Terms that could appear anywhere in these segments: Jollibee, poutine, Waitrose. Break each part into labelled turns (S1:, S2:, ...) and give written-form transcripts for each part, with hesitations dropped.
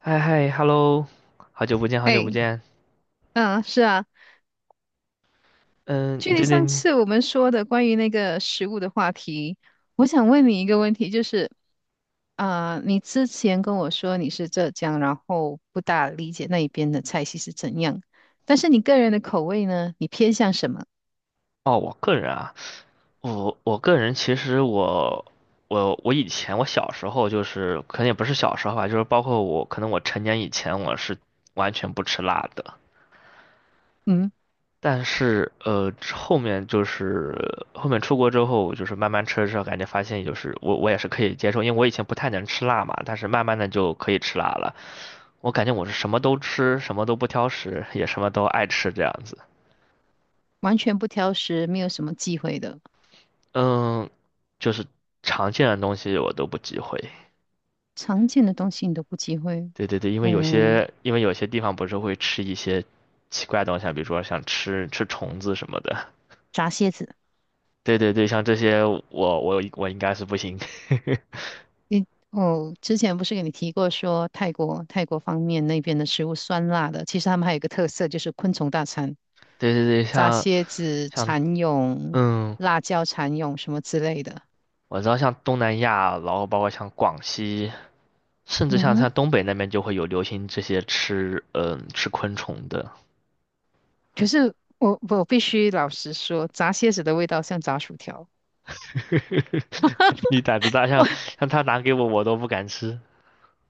S1: 嗨嗨，Hello，好久不见，好久不
S2: 哎，
S1: 见。
S2: 嗯，是啊，
S1: 嗯，你
S2: 距离
S1: 最
S2: 上
S1: 近
S2: 次我们说的关于那个食物的话题，我想问你一个问题，就是，啊、你之前跟我说你是浙江，然后不大理解那一边的菜系是怎样，但是你个人的口味呢，你偏向什么？
S1: 哦，我个人啊，我个人其实我我以前我小时候就是可能也不是小时候吧，就是包括我可能我成年以前我是完全不吃辣的，
S2: 嗯，
S1: 但是后面就是后面出国之后，就是慢慢吃了之后，感觉发现就是我也是可以接受，因为我以前不太能吃辣嘛，但是慢慢的就可以吃辣了。我感觉我是什么都吃，什么都不挑食，也什么都爱吃这样子。
S2: 完全不挑食，没有什么忌讳的，
S1: 嗯，就是常见的东西我都不忌讳。
S2: 常见的东西你都不忌讳，
S1: 对对对，因为有
S2: 嗯，
S1: 些因为有些地方不是会吃一些奇怪的东西啊比如说像吃虫子什么的。
S2: 炸蝎子。
S1: 对对对，像这些我应该是不行。
S2: 你哦，之前不是给你提过说泰国方面那边的食物酸辣的，其实他们还有一个特色就是昆虫大餐，
S1: 对对对，
S2: 炸
S1: 像
S2: 蝎子、
S1: 像
S2: 蚕蛹、
S1: 嗯，
S2: 辣椒蚕蛹什么之类的。
S1: 我知道像东南亚，然后包括像广西，甚至
S2: 嗯
S1: 像
S2: 哼，
S1: 像东北那边就会有流行这些吃昆虫的。
S2: 可是我必须老实说，炸蝎子的味道像炸薯条。
S1: 你胆子大，像 像他拿给我都不敢吃。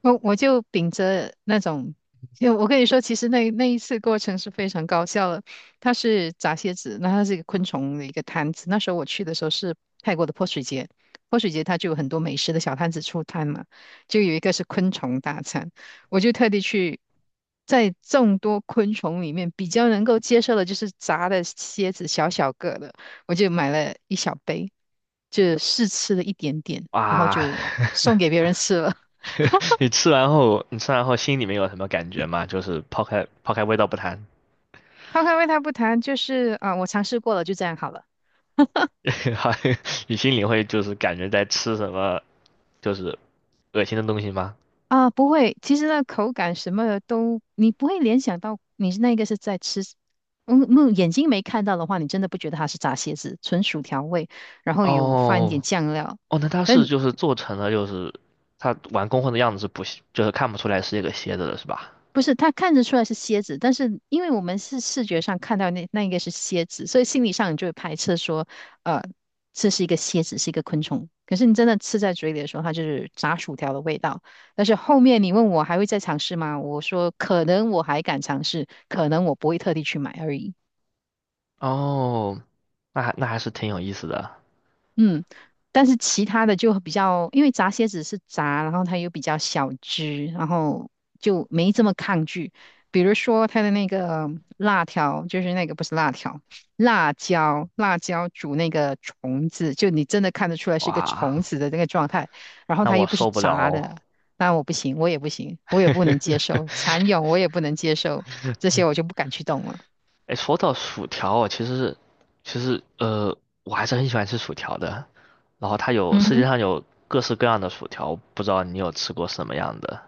S2: 我就秉着那种，就我跟你说，其实那一次过程是非常高效的。它是炸蝎子，那它是一个昆虫的一个摊子。那时候我去的时候是泰国的泼水节，泼水节它就有很多美食的小摊子出摊嘛，就有一个是昆虫大餐，我就特地去。在众多昆虫里面，比较能够接受的就是炸的蝎子，小小个的，我就买了一小杯，就试吃了一点点，然后
S1: 哇，
S2: 就送给 别人吃了。
S1: 你吃完后，心里面有什么感觉吗？就是抛开味道不谈，
S2: 抛开味道不谈，就是啊、我尝试过了，就这样好了。
S1: 你心里会就是感觉在吃什么，就是恶心的东西吗？
S2: 啊、不会，其实那口感什么的都，你不会联想到你是那个是在吃，嗯，没眼睛没看到的话，你真的不觉得它是炸蝎子，纯薯条味，然后有放一点
S1: 哦
S2: 酱料。
S1: 哦，那它是
S2: 但
S1: 就是做成了就是它完工后的样子是不是就是看不出来是一个蝎子的是吧？
S2: 不是，他看得出来是蝎子，但是因为我们是视觉上看到那应该是蝎子，所以心理上你就会排斥说，呃，这是一个蝎子，是一个昆虫。可是你真的吃在嘴里的时候，它就是炸薯条的味道。但是后面你问我还会再尝试吗？我说可能我还敢尝试，可能我不会特地去买而已。
S1: 哦，那还是挺有意思的，
S2: 嗯，但是其他的就比较，因为炸蝎子是炸，然后它又比较小只，然后就没这么抗拒。比如说它的那个辣条，就是那个不是辣条，辣椒，辣椒煮那个虫子，就你真的看得出来是一个
S1: 哇，
S2: 虫子的那个状态，然后
S1: 那
S2: 它
S1: 我
S2: 又不是
S1: 受不了
S2: 炸
S1: 哦。
S2: 的，那我不行，我也不行，我也不能接 受，蚕蛹我也不能接受，这些我就不敢去动了。
S1: 哎，说到薯条哦，其实，我还是很喜欢吃薯条的。然后它有
S2: 嗯
S1: 世界
S2: 哼。
S1: 上有各式各样的薯条，不知道你有吃过什么样的？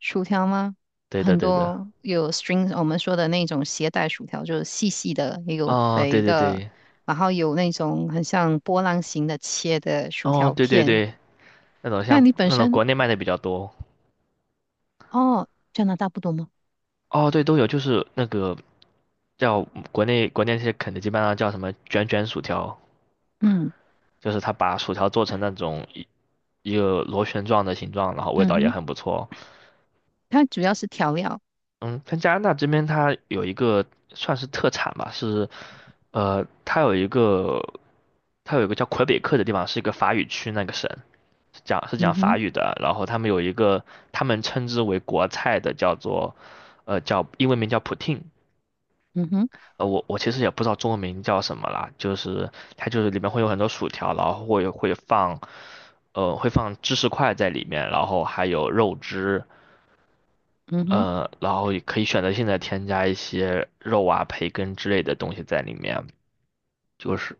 S2: 薯条吗？
S1: 对的，
S2: 很
S1: 对的。
S2: 多有 string，我们说的那种携带薯条，就是细细的，也有
S1: 哦，对
S2: 肥
S1: 对
S2: 的，
S1: 对，
S2: 然后有那种很像波浪形的切的薯
S1: 哦，
S2: 条
S1: 对对
S2: 片。
S1: 对，那种
S2: 那
S1: 像
S2: 你本
S1: 那种
S2: 身，
S1: 国内卖的比较多。
S2: 哦，加拿大不多吗？
S1: 哦，对，都有，就是那个叫国内那些肯德基、麦当劳叫什么卷卷薯条，
S2: 嗯
S1: 就是它把薯条做成那种一个螺旋状的形状，然后味
S2: 嗯
S1: 道也
S2: 哼，
S1: 很不错。
S2: 它主要是调料。
S1: 嗯，在加拿大这边，它有一个算是特产吧，是，它有一个叫魁北克的地方，是一个法语区那个省，讲是讲
S2: 嗯
S1: 法
S2: 哼
S1: 语的。然后他们有一个他们称之为国菜的，叫做叫英文名叫 poutine，
S2: 嗯哼
S1: 我其实也不知道中文名叫什么啦，就是它就是里面会有很多薯条，然后会放芝士块在里面，然后还有肉汁。
S2: 嗯哼。
S1: 然后也可以选择性的添加一些肉啊、培根之类的东西在里面，就是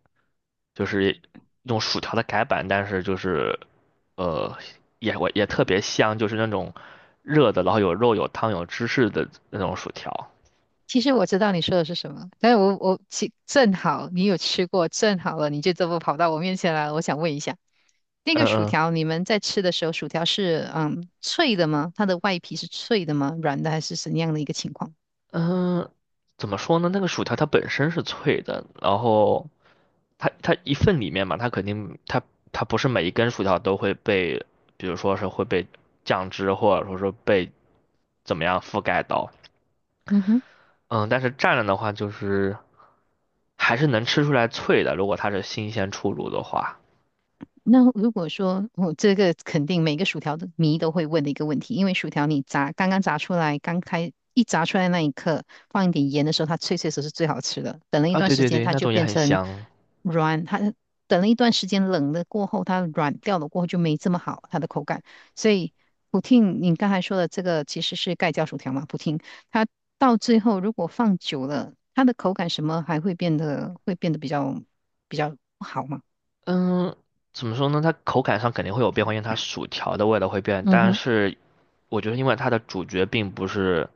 S1: 就是用薯条的改版，但是就是呃我也特别香，就是那种热的，然后有肉、有汤、有芝士的那种薯条。
S2: 其实我知道你说的是什么，但是我其正好你有吃过，正好了你就这么跑到我面前来了，我想问一下。那
S1: 嗯
S2: 个薯
S1: 嗯
S2: 条，你们在吃的时候，薯条是脆的吗？它的外皮是脆的吗？软的还是怎样的一个情况？
S1: 嗯，怎么说呢？那个薯条它本身是脆的，然后它一份里面嘛，它肯定它不是每一根薯条都会被，比如说是会被酱汁或者说是被怎么样覆盖到。
S2: 嗯哼。
S1: 嗯，但是蘸了的话，就是还是能吃出来脆的，如果它是新鲜出炉的话。
S2: 那如果说我、这个肯定每个薯条的迷都会问的一个问题，因为薯条你炸刚刚炸出来，刚开一炸出来那一刻，放一点盐的时候，它脆脆的时候是最好吃的。等了一
S1: 啊，
S2: 段
S1: 对
S2: 时
S1: 对
S2: 间，
S1: 对，
S2: 它
S1: 那
S2: 就
S1: 种也
S2: 变
S1: 很
S2: 成
S1: 香。
S2: 软，它等了一段时间冷了过后，它软掉了过后就没这么好它的口感。所以普汀，你刚才说的这个其实是盖浇薯条嘛？普汀它到最后如果放久了，它的口感什么还会变得会变得比较不好嘛？
S1: 嗯，怎么说呢？它口感上肯定会有变化，因为它薯条的味道会变。
S2: 嗯
S1: 但
S2: 哼。
S1: 是，我觉得因为它的主角并不是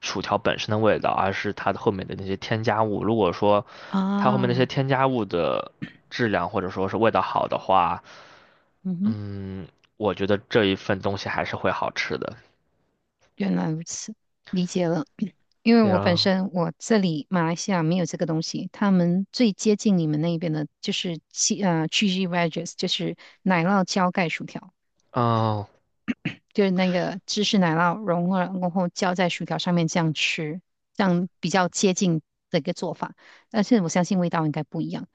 S1: 薯条本身的味道，而是它的后面的那些添加物。如果说它后面那些
S2: 啊，
S1: 添加物的质量或者说是味道好的话，
S2: 嗯哼，
S1: 嗯，我觉得这一份东西还是会好吃的。
S2: 原来如此，理解了。因为
S1: 对
S2: 我本
S1: 啊，
S2: 身我这里马来西亚没有这个东西，他们最接近你们那边的就是七cheesy wedges，就是奶酪浇盖薯条，
S1: 哦，
S2: 就是那个芝士奶酪融化然后浇在薯条上面这样吃，这样比较接近的一个做法。但是我相信味道应该不一样。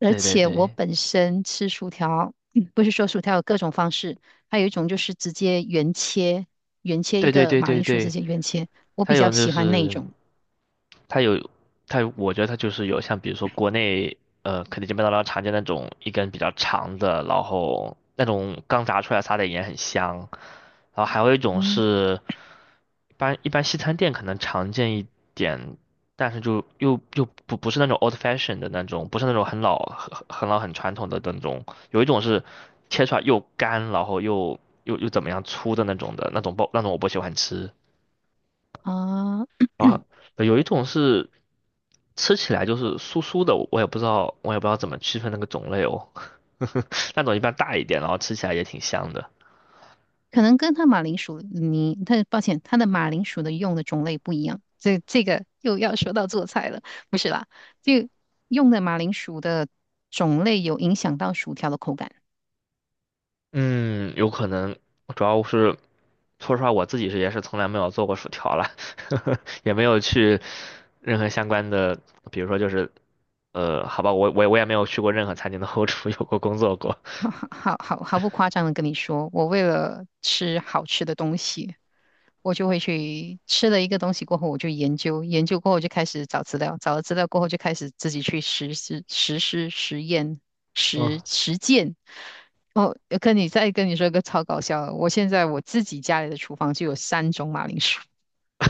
S2: 而
S1: 对对
S2: 且我
S1: 对
S2: 本身吃薯条，不是说薯条有各种方式，还有一种就是直接原切，原切
S1: 对
S2: 一
S1: 对
S2: 个
S1: 对
S2: 马
S1: 对
S2: 铃薯直
S1: 对，
S2: 接原切，我
S1: 它
S2: 比
S1: 有
S2: 较
S1: 就
S2: 喜欢那一
S1: 是。
S2: 种。
S1: 它有它有，我觉得它就是有像比如说国内肯德基、麦当劳常见那种一根比较长的，然后那种刚炸出来撒点盐很香，然后还有一种
S2: 嗯，
S1: 是一般西餐店可能常见一点，但是就又不是那种 old fashion 的那种，不是那种很老很老很传统的那种，有一种是切出来又干，然后又怎么样粗的那种的那种包那种我不喜欢吃。
S2: 啊、
S1: 对有一种是吃起来就是酥酥的，我也不知道，怎么区分那个种类哦。那种一般大一点，然后吃起来也挺香的。
S2: 可能跟他马铃薯泥，它抱歉，他的马铃薯的用的种类不一样。这个又要说到做菜了，不是啦，就用的马铃薯的种类有影响到薯条的口感。
S1: 嗯，有可能，主要是说实话，我自己也是从来没有做过薯条了，也没有去任何相关的，比如说就是，好吧，我也没有去过任何餐厅的后厨有过工作过。
S2: 好好好好毫不夸张的跟你说，我为了吃好吃的东西，我就会去吃了一个东西过后，我就研究，研究过后就开始找资料，找了资料过后就开始自己去实施、实验、
S1: 嗯
S2: 实践。哦，跟你再跟你说一个超搞笑的，我现在我自己家里的厨房就有三种马铃薯。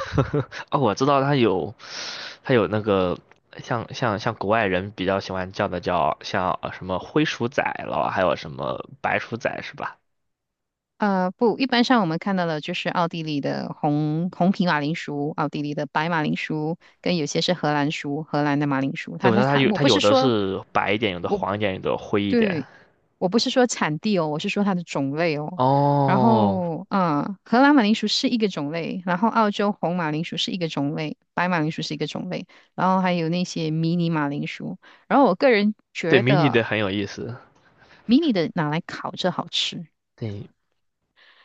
S1: 哦，我知道它有，它有那个像国外人比较喜欢叫的叫像什么灰鼠仔了，还有什么白鼠仔是吧？
S2: 不，一般上我们看到的就是奥地利的红皮马铃薯，奥地利的白马铃薯，跟有些是荷兰薯，荷兰的马铃薯。
S1: 对，
S2: 它
S1: 我知
S2: 它
S1: 道它
S2: 它，
S1: 有
S2: 我
S1: 它
S2: 不
S1: 有
S2: 是
S1: 的
S2: 说，
S1: 是白一点，有的黄一点，有的灰一点。
S2: 对，我不是说产地哦，我是说它的种类哦。然
S1: 哦，
S2: 后，嗯，荷兰马铃薯是一个种类，然后澳洲红马铃薯是一个种类，白马铃薯是一个种类，然后还有那些迷你马铃薯。然后我个人
S1: 对
S2: 觉
S1: ，mini 的
S2: 得
S1: 很有意思。
S2: 迷你的拿来烤着好吃。
S1: 对，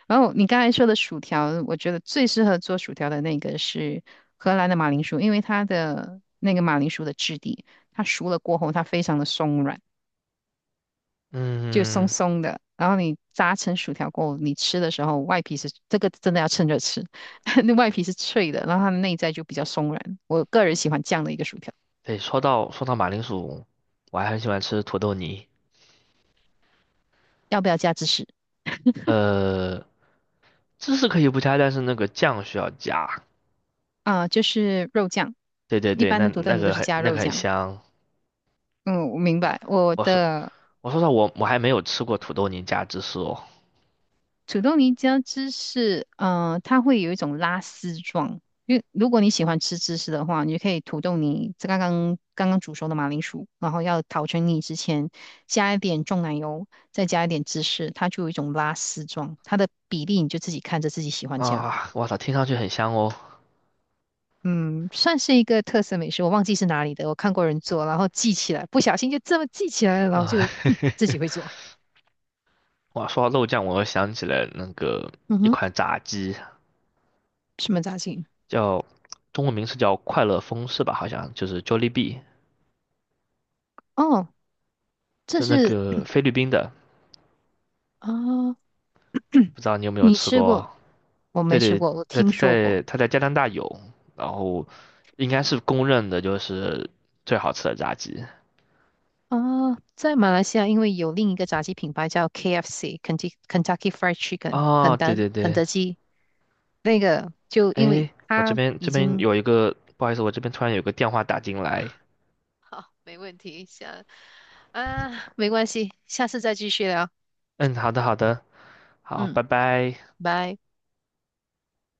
S2: 然后你刚才说的薯条，我觉得最适合做薯条的那个是荷兰的马铃薯，因为它的那个马铃薯的质地，它熟了过后它非常的松软，就松
S1: 嗯，
S2: 松的。然后你炸成薯条过后，你吃的时候外皮是这个真的要趁热吃，那外皮是脆的，然后它的内在就比较松软。我个人喜欢这样的一个薯条，
S1: 对，说到马铃薯，我还很喜欢吃土豆泥。
S2: 要不要加芝士？
S1: 呃，芝士可以不加，但是那个酱需要加。
S2: 啊、就是肉酱，
S1: 对对
S2: 一
S1: 对，
S2: 般
S1: 那
S2: 的土豆
S1: 那
S2: 泥都
S1: 个
S2: 是
S1: 很
S2: 加
S1: 那
S2: 肉
S1: 个很
S2: 酱。
S1: 香。
S2: 嗯，我明白。我
S1: 我是
S2: 的
S1: 我说实话，我还没有吃过土豆泥加芝士哦。
S2: 土豆泥加芝士，嗯，它会有一种拉丝状。因为如果你喜欢吃芝士的话，你就可以土豆泥，这刚刚煮熟的马铃薯，然后要捣成泥之前，加一点重奶油，再加一点芝士，它就有一种拉丝状。它的比例你就自己看着自己喜欢加。
S1: 啊，我操，听上去很香哦。
S2: 嗯，算是一个特色美食，我忘记是哪里的，我看过人做，然后记起来，不小心就这么记起来了，然后
S1: 啊，
S2: 就 自己会做。
S1: 哇，说到肉酱，我又想起来那个
S2: 嗯
S1: 一
S2: 哼，
S1: 款炸鸡，
S2: 什么炸鸡？
S1: 叫中文名是叫快乐风是吧？好像就是 Jollibee，
S2: 哦，这
S1: 是那
S2: 是
S1: 个菲律宾的，
S2: 啊、
S1: 不知道你有没有
S2: 你
S1: 吃
S2: 吃
S1: 过
S2: 过？
S1: 哦？
S2: 我
S1: 对
S2: 没吃
S1: 对，
S2: 过，我
S1: 在
S2: 听说过
S1: 在他在加拿大有，然后应该是公认的就是最好吃的炸鸡。
S2: 啊，在马来西亚，因为有另一个炸鸡品牌叫 KFC（Kentucky Fried Chicken），肯
S1: 哦，对
S2: 德
S1: 对
S2: 肯
S1: 对，
S2: 德基，那个就因为
S1: 哎，我这
S2: 它
S1: 边这
S2: 已
S1: 边
S2: 经
S1: 有一个，不好意思，我这边突然有个电话打进来，
S2: 好，没问题，下啊，没关系，下次再继续聊，
S1: 嗯，好的，好的，好，
S2: 嗯，
S1: 拜拜。
S2: 拜。